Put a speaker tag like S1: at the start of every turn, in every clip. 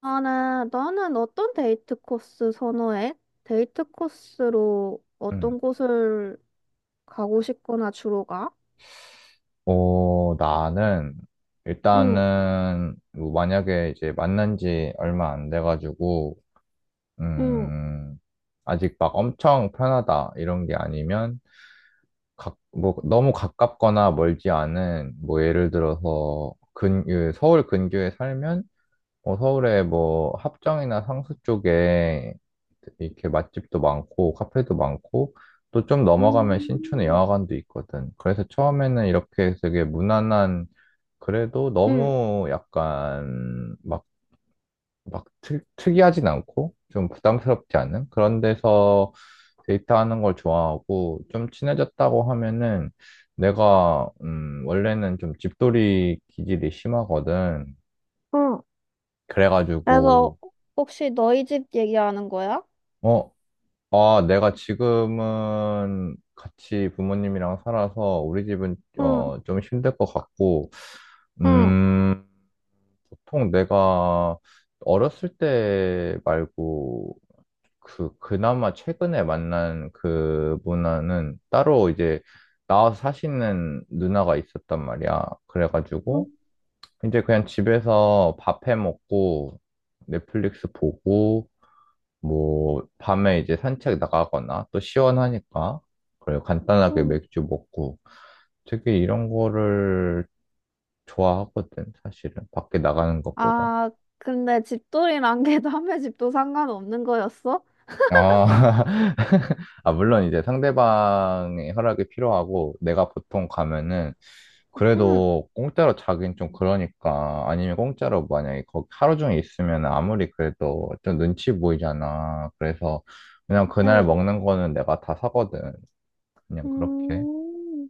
S1: 나는 어떤 데이트 코스 선호해? 데이트 코스로
S2: 음.
S1: 어떤 곳을 가고 싶거나 주로 가?
S2: 어, 나는
S1: 응,
S2: 일단은 뭐 만약에 이제 만난 지 얼마 안 돼가지고
S1: 응,
S2: 음, 아직 막 엄청 편하다 이런 게 아니면 뭐 너무 가깝거나 멀지 않은 뭐 예를 들어서 그 서울 근교에 살면 어, 서울에 뭐 합정이나 상수 쪽에 이렇게 맛집도 많고 카페도 많고 또 좀 넘어가면 신촌에
S1: 음.
S2: 영화관도 있거든. 그래서 처음에는 이렇게 되게 무난한, 그래도
S1: 응,
S2: 너무 약간 막, 특이하진 않고 좀 부담스럽지 않은 그런 데서 데이트하는 걸 좋아하고, 좀 친해졌다고 하면은 내가, 원래는 좀 집돌이 기질이 심하거든.
S1: 응.
S2: 그래가지고
S1: 그래서 혹시 너희 집 얘기하는 거야?
S2: 어, 아, 내가 지금은 같이 부모님이랑 살아서 우리 집은
S1: 응,
S2: 어, 좀 힘들 것 같고,
S1: 응.
S2: 음, 보통 내가 어렸을 때 말고 그나마 최근에 만난 그분은 따로 이제 나와서 사시는 누나가 있었단 말이야.
S1: 응.
S2: 그래가지고 이제 그냥 집에서 밥해 먹고 넷플릭스 보고 뭐, 밤에 이제 산책 나가거나 또 시원하니까, 그래요. 간단하게
S1: 응.
S2: 맥주 먹고 되게 이런 거를 좋아하거든, 사실은. 밖에 나가는 것보단.
S1: 아, 근데 집돌이란 게 남의 집도 상관없는 거였어?
S2: 아, 아, 물론 이제 상대방의 허락이 필요하고, 내가 보통 가면은,
S1: 응.
S2: 그래도 공짜로 자긴 좀 그러니까, 아니면 공짜로 만약에 거기 하루 종일 있으면 아무리 그래도 좀 눈치 보이잖아. 그래서 그냥 그날
S1: 응.
S2: 먹는 거는 내가 다 사거든. 그냥 그렇게.
S1: 음,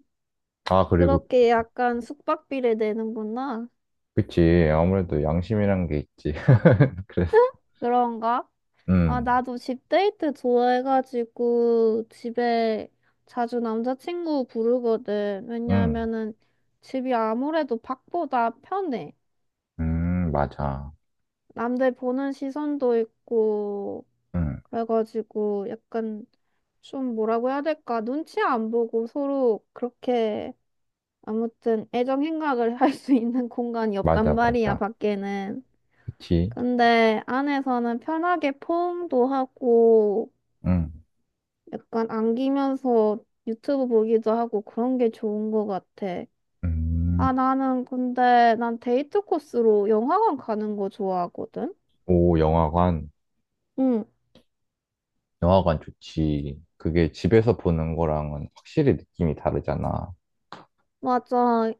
S2: 아, 그리고,
S1: 그렇게 약간 숙박비를 내는구나.
S2: 그치. 아무래도 양심이란 게 있지. 그래서,
S1: 그런가? 아,
S2: 음,
S1: 나도 집 데이트 좋아해가지고 집에 자주 남자친구 부르거든.
S2: 음,
S1: 왜냐하면은 집이 아무래도 밖보다 편해.
S2: 맞아.
S1: 남들 보는 시선도 있고,
S2: 음,
S1: 그래가지고 약간 좀 뭐라고 해야 될까? 눈치 안 보고 서로 그렇게 아무튼 애정 행각을 할 수 있는 공간이
S2: 맞아,
S1: 없단 말이야,
S2: 맞아.
S1: 밖에는.
S2: 그치.
S1: 근데 안에서는 편하게 포옹도 하고,
S2: 음.
S1: 약간 안기면서 유튜브 보기도 하고 그런 게 좋은 것 같아. 아,
S2: 음.
S1: 나는 근데 난 데이트 코스로 영화관 가는 거 좋아하거든?
S2: 오, 영화관.
S1: 응,
S2: 영화관 좋지. 그게 집에서 보는 거랑은 확실히 느낌이 다르잖아.
S1: 맞아.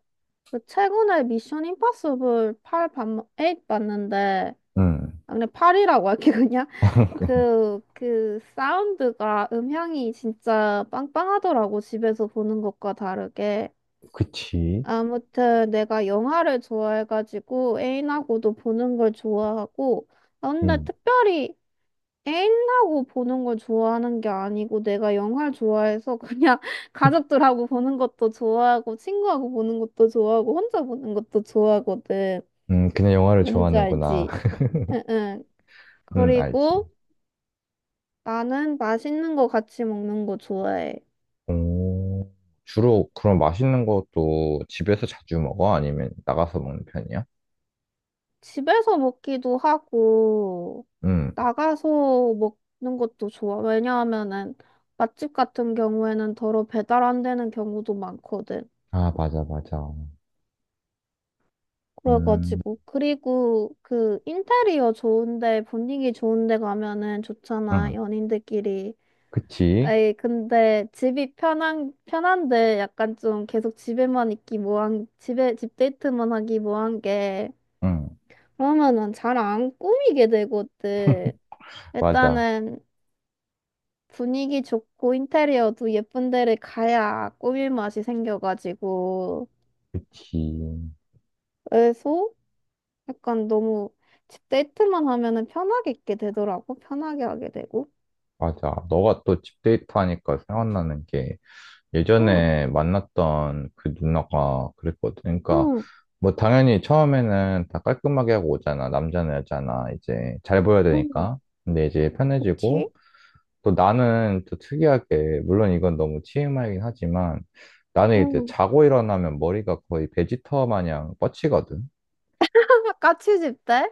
S1: 그 최근에 미션 임파서블 8 봤, 팔 봤는데,
S2: 음,
S1: 아, 그냥 8이라고 할게, 그냥. 그 사운드가, 음향이 진짜 빵빵하더라고, 집에서 보는 것과 다르게.
S2: 그치.
S1: 아무튼 내가 영화를 좋아해가지고 애인하고도 보는 걸 좋아하고 아, 근데
S2: 음,
S1: 특별히 애인하고 보는 걸 좋아하는 게 아니고 내가 영화를 좋아해서 그냥 가족들하고 보는 것도 좋아하고 친구하고 보는 것도 좋아하고 혼자 보는 것도 좋아하거든.
S2: 그냥 영화를
S1: 뭔지
S2: 좋아하는구나.
S1: 알지? 응응.
S2: 알지.
S1: 그리고 나는 맛있는 거 같이 먹는 거 좋아해.
S2: 오, 주로 그럼 맛있는 것도 집에서 자주 먹어? 아니면 나가서 먹는 편이야?
S1: 집에서 먹기도 하고
S2: 음.
S1: 나가서 먹는 것도 좋아. 왜냐하면은 맛집 같은 경우에는 더러 배달 안 되는 경우도 많거든.
S2: 아, 맞아, 맞아. 음,
S1: 그래가지고 그리고 그 인테리어 좋은데 분위기 좋은데 가면은 좋잖아
S2: 응,
S1: 연인들끼리.
S2: 그치.
S1: 에이 근데 집이 편한데 약간 좀 계속 집에만 있기 뭐한 집에 집 데이트만 하기 뭐한 게
S2: 응,
S1: 그러면은 잘 안 꾸미게 되거든.
S2: 맞아.
S1: 일단은 분위기 좋고 인테리어도 예쁜 데를 가야 꾸밀 맛이 생겨가지고
S2: 그치.
S1: 그래서 약간 너무 집 데이트만 하면은 편하게 있게 되더라고 편하게 하게 되고
S2: 맞아. 너가 또 집데이트 하니까 생각나는 게
S1: 응,
S2: 예전에 만났던 그 누나가 그랬거든. 그러니까
S1: 응,
S2: 뭐 당연히 처음에는 다 깔끔하게 하고 오잖아. 남자나 여자나 이제 잘 보여야
S1: 응,
S2: 되니까. 근데 이제
S1: 그치?
S2: 편해지고, 또 나는 또 특이하게, 물론 이건 너무 TMI이긴 하지만, 나는 이제
S1: 응,
S2: 자고 일어나면 머리가 거의 베지터 마냥 뻗치거든.
S1: 같이 집 때?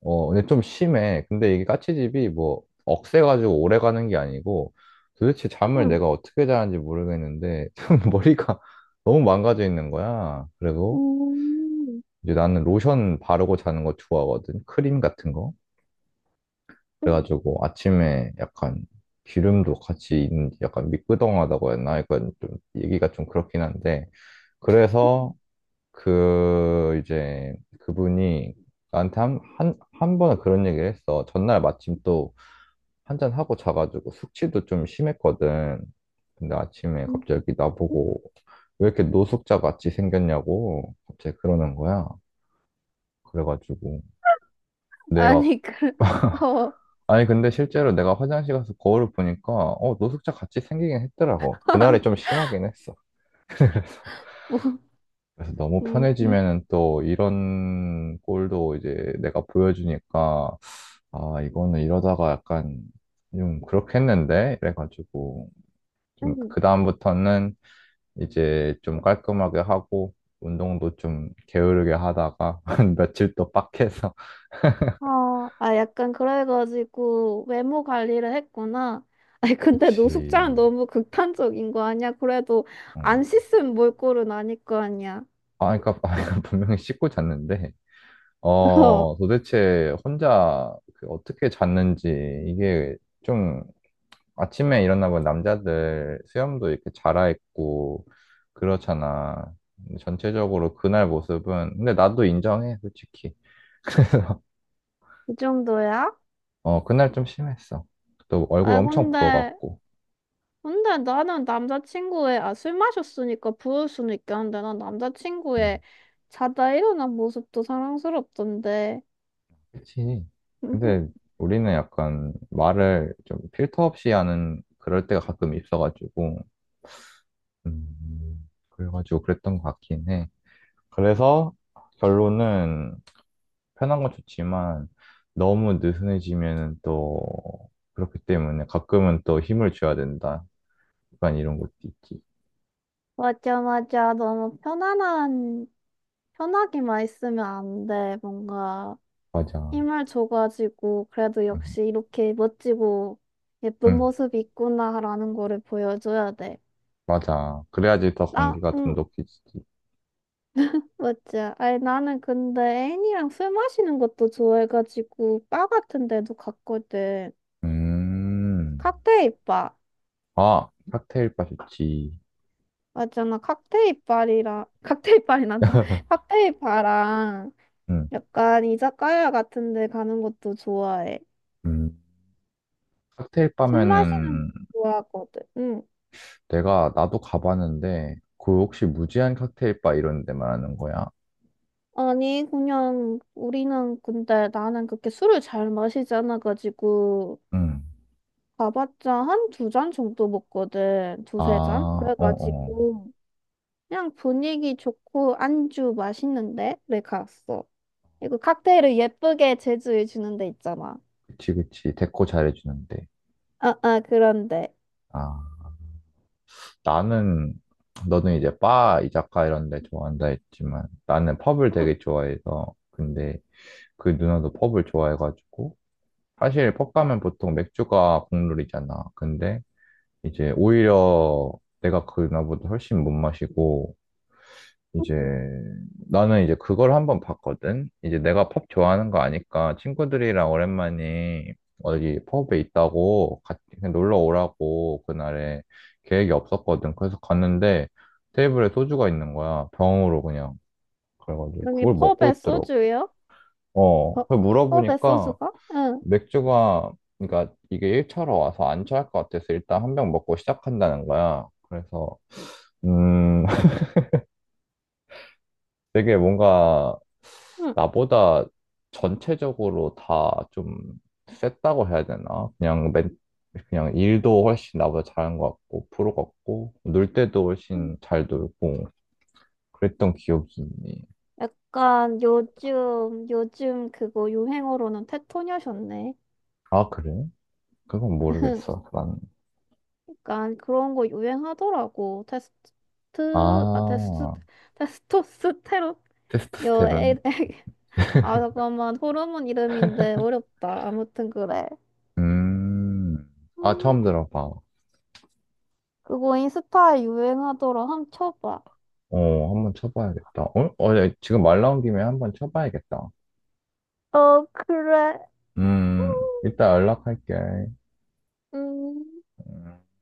S2: 어, 근데 좀 심해. 근데 이게 까치집이 뭐 억세가지고 오래 가는 게 아니고 도대체 잠을
S1: 응,
S2: 내가 어떻게 자는지 모르겠는데 좀 머리가 너무 망가져 있는 거야. 그리고
S1: 응,
S2: 이제 나는 로션 바르고 자는 거 좋아하거든. 크림 같은 거.
S1: 응,
S2: 그래가지고 아침에 약간 기름도 같이 있는지 약간 미끄덩하다고 했나? 약간 좀 얘기가 좀 그렇긴 한데.
S1: 응,
S2: 그래서 그 이제 그분이 나한테 한 번은 그런 얘기를 했어. 전날 마침 또 한 잔하고 자가지고 숙취도 좀 심했거든. 근데 아침에
S1: 응,
S2: 갑자기 나보고, 왜 이렇게 노숙자 같이 생겼냐고 갑자기 그러는 거야. 그래가지고 내가
S1: 아니 그 어.
S2: 아니 근데 실제로 내가 화장실 가서 거울을 보니까 어 노숙자 같이 생기긴 했더라고. 그날이 좀 심하긴 했어. 그래서 너무
S1: 응,
S2: 편해지면은 또 이런 꼴도 이제 내가 보여주니까, 아 이거는 이러다가 약간 좀 그렇게 했는데 이래가지고 좀
S1: 응.
S2: 그다음부터는 이제 좀 깔끔하게 하고 운동도 좀 게으르게 하다가 한 며칠 또 빡해서
S1: 아, 아, 약간 그래가지고 외모 관리를 했구나. 아니, 근데 노숙자는
S2: 그치.
S1: 너무 극단적인 거 아니야? 그래도
S2: 어.
S1: 안 씻은 몰골은 아닐 거 아니야.
S2: 아 그러니까, 아, 그러니까 분명히 씻고 잤는데
S1: 어,
S2: 어 도대체 혼자 그 어떻게 잤는지 이게 좀, 아침에 일어나면 남자들 수염도 이렇게 자라있고 그렇잖아. 근데 전체적으로 그날 모습은, 근데 나도 인정해 솔직히.
S1: 그 정도야?
S2: 어 그날 좀 심했어. 또 얼굴
S1: 아,
S2: 엄청
S1: 근데,
S2: 부어갖고.
S1: 근데 나는 남자친구의, 아, 술 마셨으니까 부을 수는 있겠는데, 난
S2: 음.
S1: 남자친구의 자다 일어난 모습도 사랑스럽던데.
S2: 그치. 근데 우리는 약간 말을 좀 필터 없이 하는 그럴 때가 가끔 있어가지고, 그래가지고 그랬던 것 같긴 해. 그래서 결론은 편한 건 좋지만 너무 느슨해지면 또 그렇기 때문에 가끔은 또 힘을 줘야 된다. 약간 이런 것도 있지.
S1: 맞아, 맞아. 너무 편안한, 편하게만 있으면 안 돼, 뭔가.
S2: 맞아.
S1: 힘을 줘가지고 그래도
S2: 응,
S1: 역시 이렇게 멋지고 예쁜
S2: 응,
S1: 모습이 있구나라는 거를 보여줘야 돼.
S2: 맞아. 그래야지 더
S1: 나,
S2: 관계가
S1: 응,
S2: 돈독해지지.
S1: 맞지. 아니, 나는 근데 애인이랑 술 마시는 것도 좋아해가지고 바 같은 데도 갔거든.
S2: 음,
S1: 칵테일 바.
S2: 아, 칵테일 바 좋지.
S1: 맞잖아. 칵테일 바리랑, 칵테일 바리 난다. 칵테일 바랑
S2: 응.
S1: 약간 이자카야 같은 데 가는 것도 좋아해.
S2: 음. 칵테일
S1: 술 마시는 거
S2: 바면은
S1: 좋아하거든. 응.
S2: 내가 나도 가봤는데 그 혹시 무제한 칵테일 바 이런 데 말하는 거야?
S1: 아니, 그냥 우리는 근데 나는 그렇게 술을 잘 마시지 않아가지고
S2: 응.
S1: 가봤자 한 두 잔 정도 먹거든.
S2: 아,
S1: 두세 잔?
S2: 어, 어.
S1: 그래가지고 그냥 분위기 좋고 안주 맛있는데? 를 갔어. 이거 칵테일을 예쁘게 제조해 주는 데 있잖아.
S2: 그치, 그치. 데코 잘해주는데.
S1: 아, 아, 그런데.
S2: 아, 나는, 너는 이제 바, 이자카 이런 데 좋아한다 했지만 나는 펍을
S1: 응.
S2: 되게 좋아해서, 근데 그 누나도 펍을 좋아해가지고 사실 펍 가면 보통 맥주가 국룰이잖아. 근데 이제 오히려 내가 그 누나보다 훨씬 못 마시고, 이제 나는 이제 그걸 한번 봤거든. 이제 내가 펍 좋아하는 거 아니까 친구들이랑 오랜만에 어디 펍에 있다고 같이 그냥 놀러 오라고, 그날에 계획이 없었거든. 그래서 갔는데 테이블에 소주가 있는 거야. 병으로 그냥. 그래가지고
S1: 여기
S2: 그걸 먹고
S1: 펍에
S2: 있더라고.
S1: 소주요?
S2: 어,
S1: 어,
S2: 그
S1: 펍에
S2: 물어보니까
S1: 소주가? 응.
S2: 맥주가, 그러니까 이게 1차로 와서 안 취할 것 같아서 일단 한 병 먹고 시작한다는 거야. 그래서 음 되게 뭔가
S1: 응.
S2: 나보다 전체적으로 다 좀 셌다고 해야 되나? 그냥 일도 훨씬 나보다 잘한 것 같고, 프로 같고, 놀 때도
S1: 응.
S2: 훨씬 잘 놀고, 그랬던 기억이 있니?
S1: 약간 요즘 그거 유행어로는 테토녀셨네.
S2: 아, 그래? 그건 모르겠어, 나는.
S1: 약간 그런 거 유행하더라고.
S2: 아,
S1: 테스토스테론? 여, 에,
S2: 테스토스테론?
S1: 아, 잠깐만. 호르몬 이름인데 어렵다. 아무튼 그래.
S2: 음, 아,
S1: 음,
S2: 처음 들어봐.
S1: 그거 인스타에 유행하더라. 한번 쳐봐.
S2: 어, 한번 쳐봐야겠다. 어? 어, 야, 지금 말 나온 김에 한번 쳐봐야겠다.
S1: 어, 그래.
S2: 음, 이따 연락할게.
S1: 음.
S2: 음.